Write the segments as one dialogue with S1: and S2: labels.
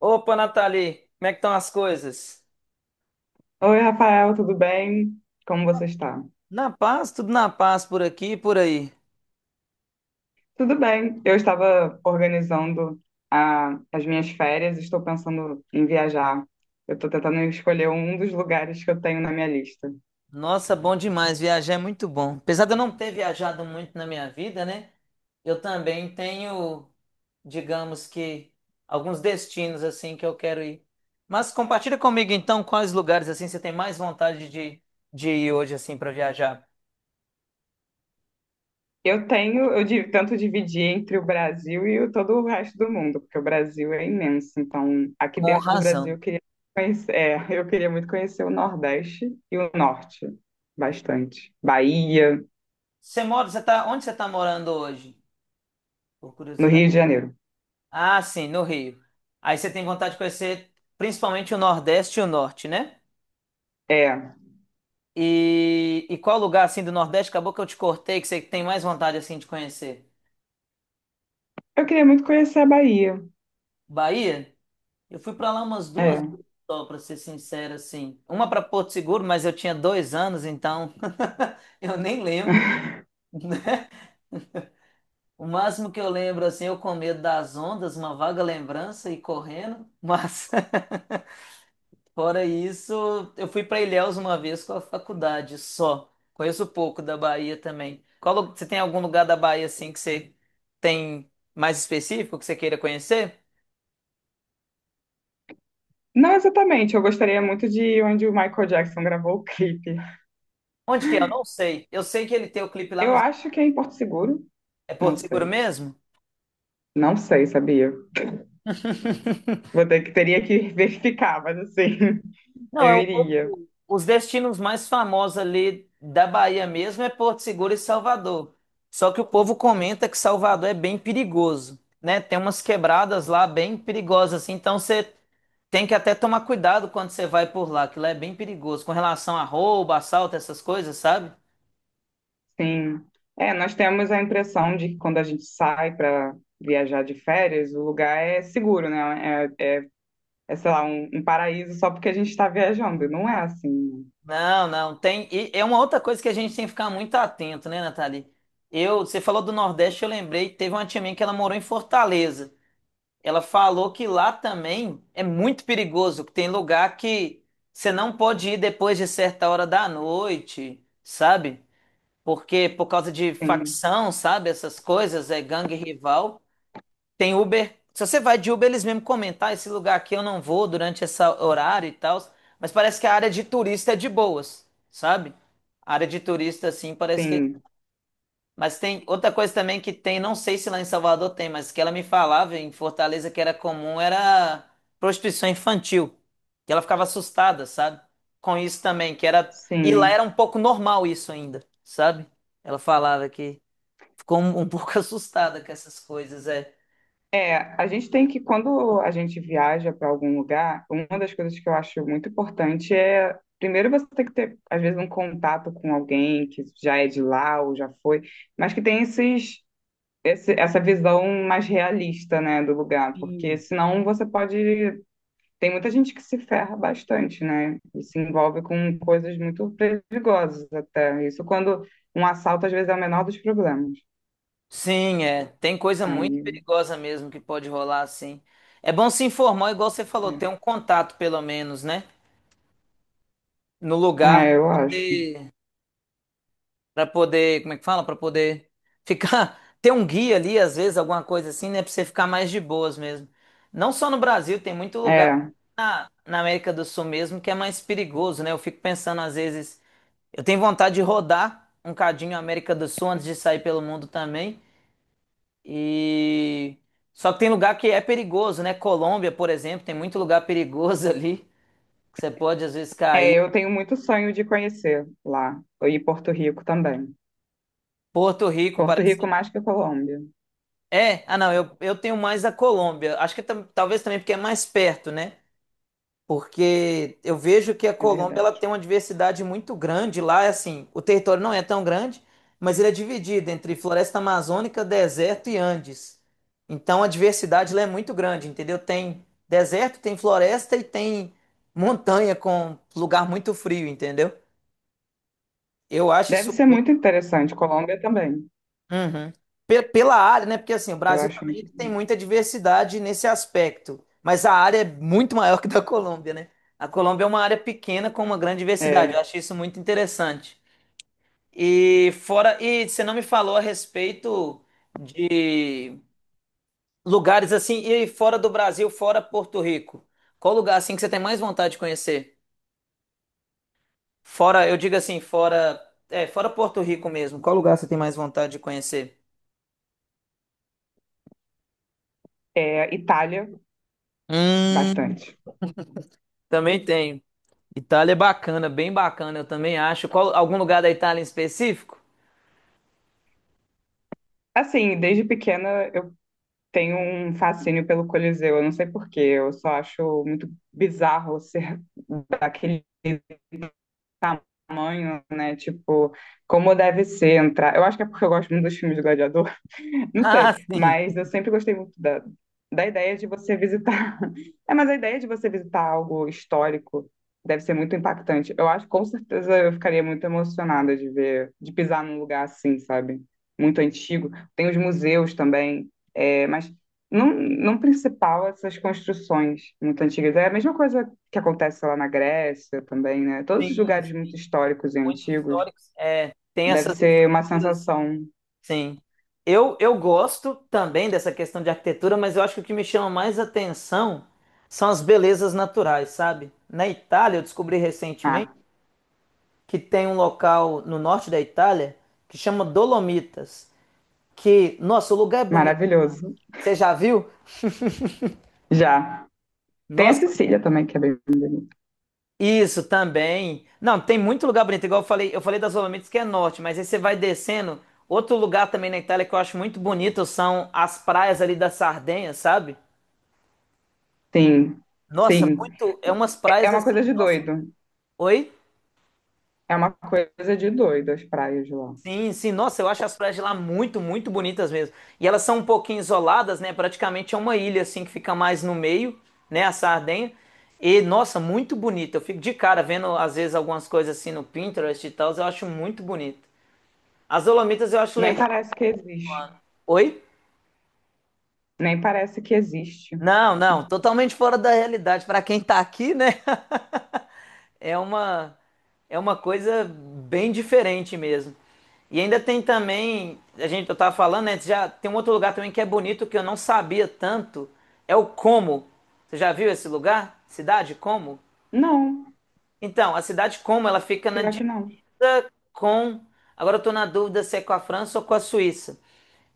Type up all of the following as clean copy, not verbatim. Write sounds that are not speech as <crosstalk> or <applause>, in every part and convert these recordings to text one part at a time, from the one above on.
S1: Opa, Nathalie, como é que estão as coisas?
S2: Oi, Rafael, tudo bem? Como você está?
S1: Na paz, tudo na paz por aqui e por aí.
S2: Tudo bem. Eu estava organizando as minhas férias, estou pensando em viajar. Eu estou tentando escolher um dos lugares que eu tenho na minha lista.
S1: Nossa, bom demais, viajar é muito bom. Apesar de eu não ter viajado muito na minha vida, né? Eu também tenho, digamos que, alguns destinos assim que eu quero ir. Mas compartilha comigo então quais lugares assim você tem mais vontade de ir hoje assim para viajar.
S2: Eu tenho, eu di- tento dividir entre o Brasil e todo o resto do mundo, porque o Brasil é imenso. Então, aqui
S1: Com
S2: dentro do Brasil,
S1: razão.
S2: eu queria conhecer, <laughs> eu queria muito conhecer o Nordeste e o Norte, bastante. Bahia,
S1: Você mora, você tá, onde você está morando hoje? Por
S2: no Rio
S1: curiosidade.
S2: de Janeiro.
S1: Ah, sim, no Rio. Aí você tem vontade de conhecer principalmente o Nordeste e o Norte, né?
S2: É,
S1: E qual lugar assim do Nordeste acabou que eu te cortei que você tem mais vontade assim de conhecer?
S2: eu queria muito conhecer a Bahia.
S1: Bahia? Eu fui pra lá umas duas
S2: É.
S1: vezes só, para ser sincero assim. Uma pra Porto Seguro, mas eu tinha dois anos, então <laughs> eu nem lembro. O máximo que eu lembro assim, eu com medo das ondas, uma vaga lembrança e correndo, mas <laughs> fora isso, eu fui para Ilhéus uma vez com a faculdade só. Conheço pouco da Bahia também. Qual, você tem algum lugar da Bahia assim que você tem mais específico que você queira conhecer?
S2: Não exatamente, eu gostaria muito de ir onde o Michael Jackson gravou o clipe.
S1: Onde que é? Eu não sei. Eu sei que ele tem o clipe lá,
S2: Eu
S1: mas
S2: acho que é em Porto Seguro,
S1: é
S2: não
S1: Porto Seguro
S2: sei.
S1: mesmo?
S2: Não sei, sabia?
S1: <laughs>
S2: Vou ter que teria que <laughs> verificar, mas assim, <laughs>
S1: Não,
S2: eu iria.
S1: os destinos mais famosos ali da Bahia mesmo é Porto Seguro e Salvador. Só que o povo comenta que Salvador é bem perigoso, né? Tem umas quebradas lá bem perigosas, assim, então você tem que até tomar cuidado quando você vai por lá, que lá é bem perigoso com relação a roubo, assalto, essas coisas, sabe?
S2: Sim. É, nós temos a impressão de que quando a gente sai para viajar de férias, o lugar é seguro, né? Sei lá, um paraíso só porque a gente está viajando. Não é assim,
S1: Não, não, tem. E é uma outra coisa que a gente tem que ficar muito atento, né, Nathalie? Eu, você falou do Nordeste, eu lembrei, teve uma tia minha que ela morou em Fortaleza. Ela falou que lá também é muito perigoso, que tem lugar que você não pode ir depois de certa hora da noite, sabe? Porque por causa
S2: né?
S1: de
S2: Sim,
S1: facção, sabe? Essas coisas, é gangue rival. Tem Uber. Se você vai de Uber, eles mesmo comentam: "Ah, esse lugar aqui eu não vou durante esse horário e tal." Mas parece que a área de turista é de boas, sabe? A área de turista, assim, parece que é
S2: sim,
S1: mas tem outra coisa também que tem, não sei se lá em Salvador tem, mas que ela me falava em Fortaleza que era comum era prostituição infantil. Que ela ficava assustada, sabe? Com isso também, que era. E lá
S2: sim.
S1: era um pouco normal isso ainda, sabe? Ela falava que ficou um pouco <laughs> assustada com essas coisas, é.
S2: É, a gente tem que, quando a gente viaja para algum lugar, uma das coisas que eu acho muito importante é, primeiro você tem que ter, às vezes, um contato com alguém que já é de lá ou já foi, mas que tem essa visão mais realista, né, do lugar, porque
S1: Sim.
S2: senão você pode. Tem muita gente que se ferra bastante, né, e se envolve com coisas muito perigosas até. Isso quando um assalto, às vezes, é o menor dos problemas.
S1: Sim, é. Tem coisa muito
S2: Aí,
S1: perigosa mesmo que pode rolar assim. É bom se informar, igual você falou, ter um
S2: é,
S1: contato pelo menos, né? No lugar para
S2: eu acho.
S1: poder. Pra poder, como é que fala? Pra poder ficar, <laughs> ter um guia ali, às vezes, alguma coisa assim, né? Pra você ficar mais de boas mesmo. Não só no Brasil, tem muito lugar
S2: É.
S1: na América do Sul mesmo que é mais perigoso, né? Eu fico pensando, às vezes, eu tenho vontade de rodar um cadinho a América do Sul antes de sair pelo mundo também. E só que tem lugar que é perigoso, né? Colômbia, por exemplo, tem muito lugar perigoso <laughs> ali que você pode às vezes
S2: É,
S1: cair.
S2: eu tenho muito sonho de conhecer lá. E Porto Rico também.
S1: Porto Rico
S2: Porto
S1: parece
S2: Rico mais que a Colômbia,
S1: é, ah não, eu tenho mais a Colômbia. Acho que talvez também porque é mais perto, né? Porque eu vejo que a
S2: é
S1: Colômbia ela
S2: verdade.
S1: tem uma diversidade muito grande lá, assim, o território não é tão grande, mas ele é dividido entre floresta amazônica, deserto e Andes. Então a diversidade lá é muito grande, entendeu? Tem deserto, tem floresta e tem montanha com lugar muito frio, entendeu? Eu acho
S2: Deve
S1: isso
S2: ser muito interessante. Colômbia também.
S1: uhum. Pela área, né? Porque assim, o
S2: Eu
S1: Brasil
S2: acho
S1: também
S2: muito
S1: ele tem
S2: bonito.
S1: muita diversidade nesse aspecto, mas a área é muito maior <laughs> que a da Colômbia, né? A Colômbia é uma área pequena com uma grande diversidade.
S2: É,
S1: Eu achei isso muito interessante. E fora, e você não me falou a respeito de lugares assim, e fora do Brasil, fora Porto Rico. Qual lugar assim que você tem mais vontade de conhecer? Fora, eu digo assim, fora, é, fora Porto Rico mesmo. Qual lugar você tem mais vontade de conhecer?
S2: Itália,
S1: Hum,
S2: bastante.
S1: também tenho. Itália é bacana, bem bacana, eu também acho. Qual, algum lugar da Itália em específico? <laughs>
S2: Assim, desde pequena eu tenho um fascínio pelo Coliseu. Eu não sei por quê. Eu só acho muito bizarro ser daquele tamanho, né? Tipo, como deve ser entrar. Eu acho que é porque eu gosto muito dos filmes do Gladiador. Não
S1: Ah,
S2: sei,
S1: sim,
S2: mas eu sempre gostei muito da ideia de você visitar. <laughs> É, mas a ideia de você visitar algo histórico deve ser muito impactante. Eu acho que com certeza eu ficaria muito emocionada de ver, de pisar num lugar assim, sabe? Muito antigo. Tem os museus também, mas não, não principal essas construções muito antigas. É a mesma coisa que acontece lá na Grécia também, né? Todos os
S1: sim,
S2: lugares muito
S1: sim.
S2: históricos e
S1: Muito
S2: antigos
S1: históricos. É, tem
S2: deve
S1: essas
S2: ser uma
S1: estruturas,
S2: sensação,
S1: sim. Eu gosto também dessa questão de arquitetura, mas eu acho que o que me chama mais atenção são as belezas naturais, sabe? Na Itália, eu descobri recentemente
S2: ah,
S1: que tem um local no norte da Itália que chama Dolomitas, que, nossa, o lugar é bonito.
S2: maravilhoso.
S1: Você já viu?
S2: Já. Tem a
S1: Nossa,
S2: Cecília também, que é bem bonita.
S1: isso também. Não, tem muito lugar bonito, igual eu falei das Dolomitas que é norte, mas aí você vai descendo. Outro lugar também na Itália que eu acho muito bonito são as praias ali da Sardenha, sabe?
S2: Sim,
S1: Nossa,
S2: sim.
S1: muito, é umas
S2: É
S1: praias
S2: uma
S1: assim,
S2: coisa de
S1: nossa.
S2: doido.
S1: Oi?
S2: É uma coisa de doido as praias de lá.
S1: Sim, sim, nossa, eu acho as praias de lá muito, muito bonitas mesmo. E elas são um pouquinho isoladas, né? Praticamente é uma ilha assim que fica mais no meio, né, a Sardenha. E nossa, muito bonito. Eu fico de cara vendo às vezes algumas coisas assim no Pinterest e tal, eu acho muito bonito. As Dolomitas eu acho
S2: Nem
S1: legal.
S2: parece que existe.
S1: Oi?
S2: Nem parece que existe.
S1: Não, não, totalmente fora da realidade. Para quem tá aqui, né? <laughs> É uma é uma coisa bem diferente mesmo. E ainda tem também, a gente eu tava falando, né, já tem um outro lugar também que é bonito que eu não sabia tanto, é o Como. Você já viu esse lugar? Cidade Como?
S2: Não,
S1: Então, a cidade Como, ela fica na
S2: pior que
S1: dívida
S2: não.
S1: com, agora eu tô na dúvida se é com a França ou com a Suíça.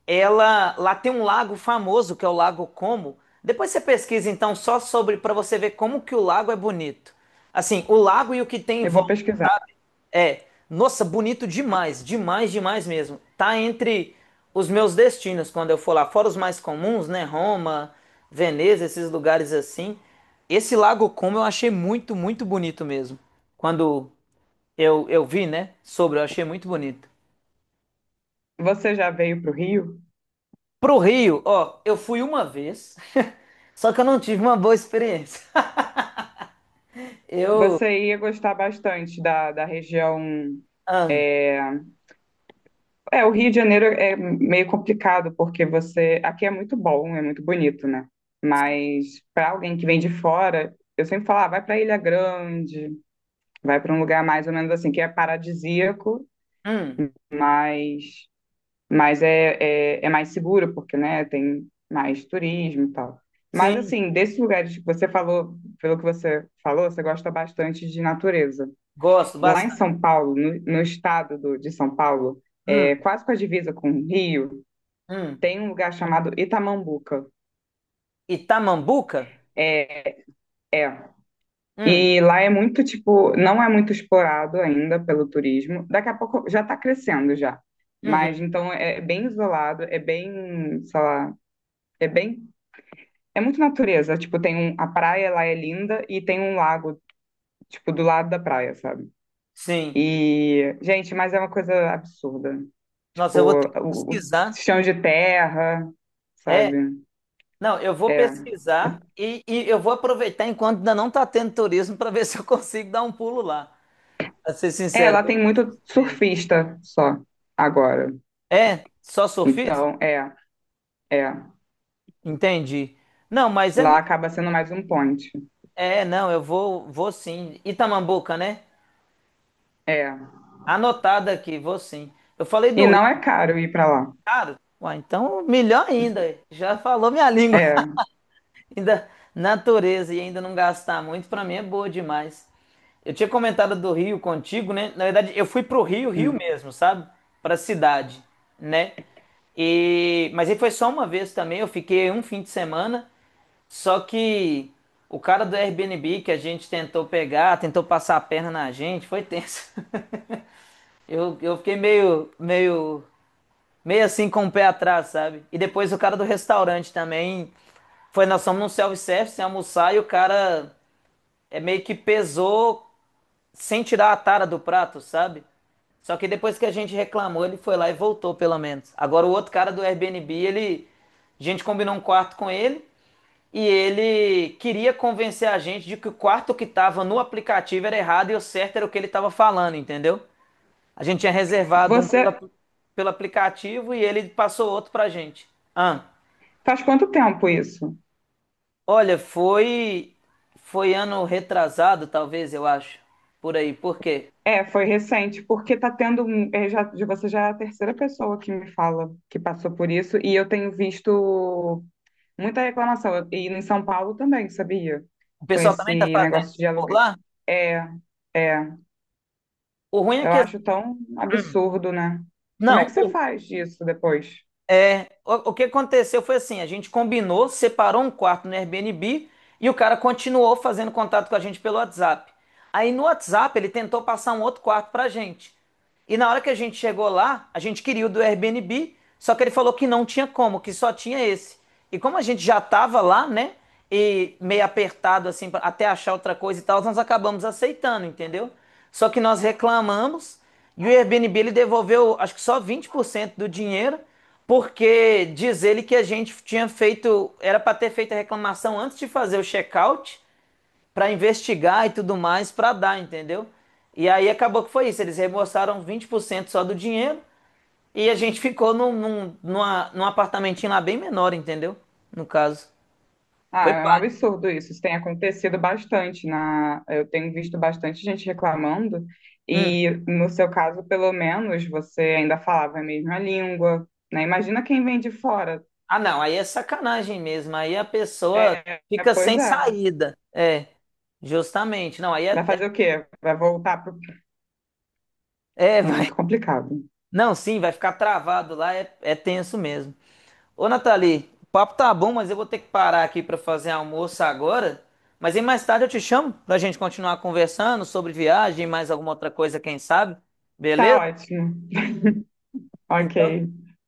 S1: Ela lá tem um lago famoso que é o Lago Como. Depois você pesquisa então só sobre para você ver como que o lago é bonito. Assim, o lago e o que tem em
S2: Eu vou
S1: volta
S2: pesquisar.
S1: é, nossa, bonito demais, demais, demais mesmo. Tá entre os meus destinos quando eu for lá, fora os mais comuns, né? Roma, Veneza, esses lugares assim. Esse Lago Como eu achei muito, muito bonito mesmo. Quando eu vi, né, sobre, eu achei muito bonito.
S2: Você já veio para o Rio?
S1: Pro Rio, ó, eu fui uma vez, <laughs> só que eu não tive uma boa experiência. <laughs>
S2: Você ia gostar bastante da região.
S1: Ah,
S2: É, o Rio de Janeiro é meio complicado, porque você. Aqui é muito bom, é muito bonito, né? Mas para alguém que vem de fora, eu sempre falo, ah, vai para Ilha Grande. Vai para um lugar mais ou menos assim, que é paradisíaco,
S1: hum,
S2: mas, mas é, mais seguro, porque, né, tem mais turismo e tal. Mas,
S1: sim,
S2: assim, desses lugares que você falou, pelo que você falou, você gosta bastante de natureza.
S1: gosto
S2: Lá em
S1: bastante.
S2: São Paulo, no estado de São Paulo,
S1: Hum,
S2: quase com a divisa com o Rio,
S1: hum.
S2: tem um lugar chamado Itamambuca.
S1: Itamambuca?
S2: É, é.
S1: Hum,
S2: E lá é muito, tipo, não é muito explorado ainda pelo turismo. Daqui a pouco já está crescendo já. Mas
S1: uhum,
S2: então é bem isolado, é bem, sei lá, é bem, é muito natureza. Tipo, tem um, a praia lá é linda e tem um lago, tipo, do lado da praia, sabe?
S1: sim.
S2: E, gente, mas é uma coisa absurda.
S1: Nossa,
S2: Tipo,
S1: eu vou ter que
S2: o
S1: pesquisar.
S2: chão de terra,
S1: É,
S2: sabe?
S1: não, eu vou
S2: É.
S1: pesquisar e eu vou aproveitar enquanto ainda não tá tendo turismo para ver <laughs> se eu consigo dar um pulo lá. Pra ser
S2: É,
S1: sincero,
S2: lá
S1: vou
S2: tem
S1: fazer
S2: muito
S1: isso mesmo.
S2: surfista só agora.
S1: É, só surfista?
S2: Então, é.
S1: Entendi. Não, mas é,
S2: Lá acaba sendo mais um point.
S1: é, não, eu vou, vou sim. Itamambuca, né?
S2: É.
S1: Anotado aqui, vou sim. Eu falei
S2: E
S1: do Rio,
S2: não é caro ir pra lá.
S1: cara. Ué, então, melhor ainda. Já falou minha língua. <laughs>
S2: É,
S1: Ainda natureza e ainda não gastar muito, pra mim é boa demais. Eu tinha comentado do Rio contigo, né? Na verdade, eu fui pro Rio, Rio
S2: sim.
S1: mesmo, sabe? Pra cidade, né? E mas aí foi só uma vez também, eu fiquei um fim de semana, só que o cara do Airbnb que a gente tentou pegar, tentou passar a perna na gente, foi tenso. <laughs> Eu fiquei meio, meio meio assim com o pé atrás, sabe? E depois o cara do restaurante também. Foi, nós fomos num self-service sem almoçar e o cara é meio que pesou sem tirar a tara do prato, sabe? Só que depois que a gente reclamou, ele foi lá e voltou, pelo menos. Agora o outro cara do Airbnb, ele. A gente combinou um quarto com ele e ele queria convencer a gente de que o quarto que tava no aplicativo era errado e o certo era o que ele tava falando, entendeu? A gente tinha reservado um
S2: Você
S1: pela, pelo aplicativo e ele passou outro pra gente. Ah,
S2: faz quanto tempo isso?
S1: olha, foi foi ano retrasado, talvez, eu acho. Por aí. Por quê?
S2: É, foi recente, porque tá tendo um, já, de você já é a terceira pessoa que me fala que passou por isso e eu tenho visto muita reclamação e em São Paulo também, sabia?
S1: O
S2: Com
S1: pessoal
S2: esse
S1: também tá fazendo
S2: negócio de
S1: por
S2: aluguel.
S1: lá?
S2: É, é,
S1: O ruim é
S2: eu
S1: que assim,
S2: acho tão
S1: hum,
S2: absurdo, né? Como é
S1: não,
S2: que você faz disso depois?
S1: é, o que aconteceu foi assim, a gente combinou, separou um quarto no Airbnb e o cara continuou fazendo contato com a gente pelo WhatsApp. Aí no WhatsApp ele tentou passar um outro quarto pra gente. E na hora que a gente chegou lá, a gente queria o do Airbnb, só que ele falou que não tinha como, que só tinha esse. E como a gente já estava lá, né? E meio apertado, assim, até achar outra coisa e tal, nós acabamos aceitando, entendeu? Só que nós reclamamos e o Airbnb ele devolveu, acho que só 20% do dinheiro, porque diz ele que a gente tinha feito, era para ter feito a reclamação antes de fazer o check-out, para investigar e tudo mais, para dar, entendeu? E aí acabou que foi isso, eles reembolsaram 20% só do dinheiro e a gente ficou num apartamentinho lá bem menor, entendeu? No caso.
S2: Ah,
S1: Foi
S2: é um
S1: pai.
S2: absurdo isso. Isso tem acontecido bastante na, eu tenho visto bastante gente reclamando
S1: Hum.
S2: e no seu caso, pelo menos, você ainda falava a mesma língua, né? Imagina quem vem de fora.
S1: Ah, não, aí é sacanagem mesmo. Aí a pessoa
S2: É, é,
S1: fica
S2: pois
S1: sem
S2: é.
S1: saída. É, justamente. Não, aí
S2: Vai
S1: é.
S2: fazer o quê? Vai voltar pro...
S1: É, é,
S2: É
S1: vai.
S2: muito complicado.
S1: Não, sim, vai ficar travado lá, é, é tenso mesmo. Ô, Nathalie, o papo tá bom, mas eu vou ter que parar aqui pra fazer almoço agora. Mas aí mais tarde eu te chamo pra gente continuar conversando sobre viagem, mais alguma outra coisa, quem sabe?
S2: Tá
S1: Beleza?
S2: ótimo. Ok.
S1: Então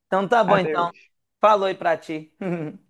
S1: Então tá bom, então.
S2: Adeus.
S1: Falou aí pra ti. <laughs>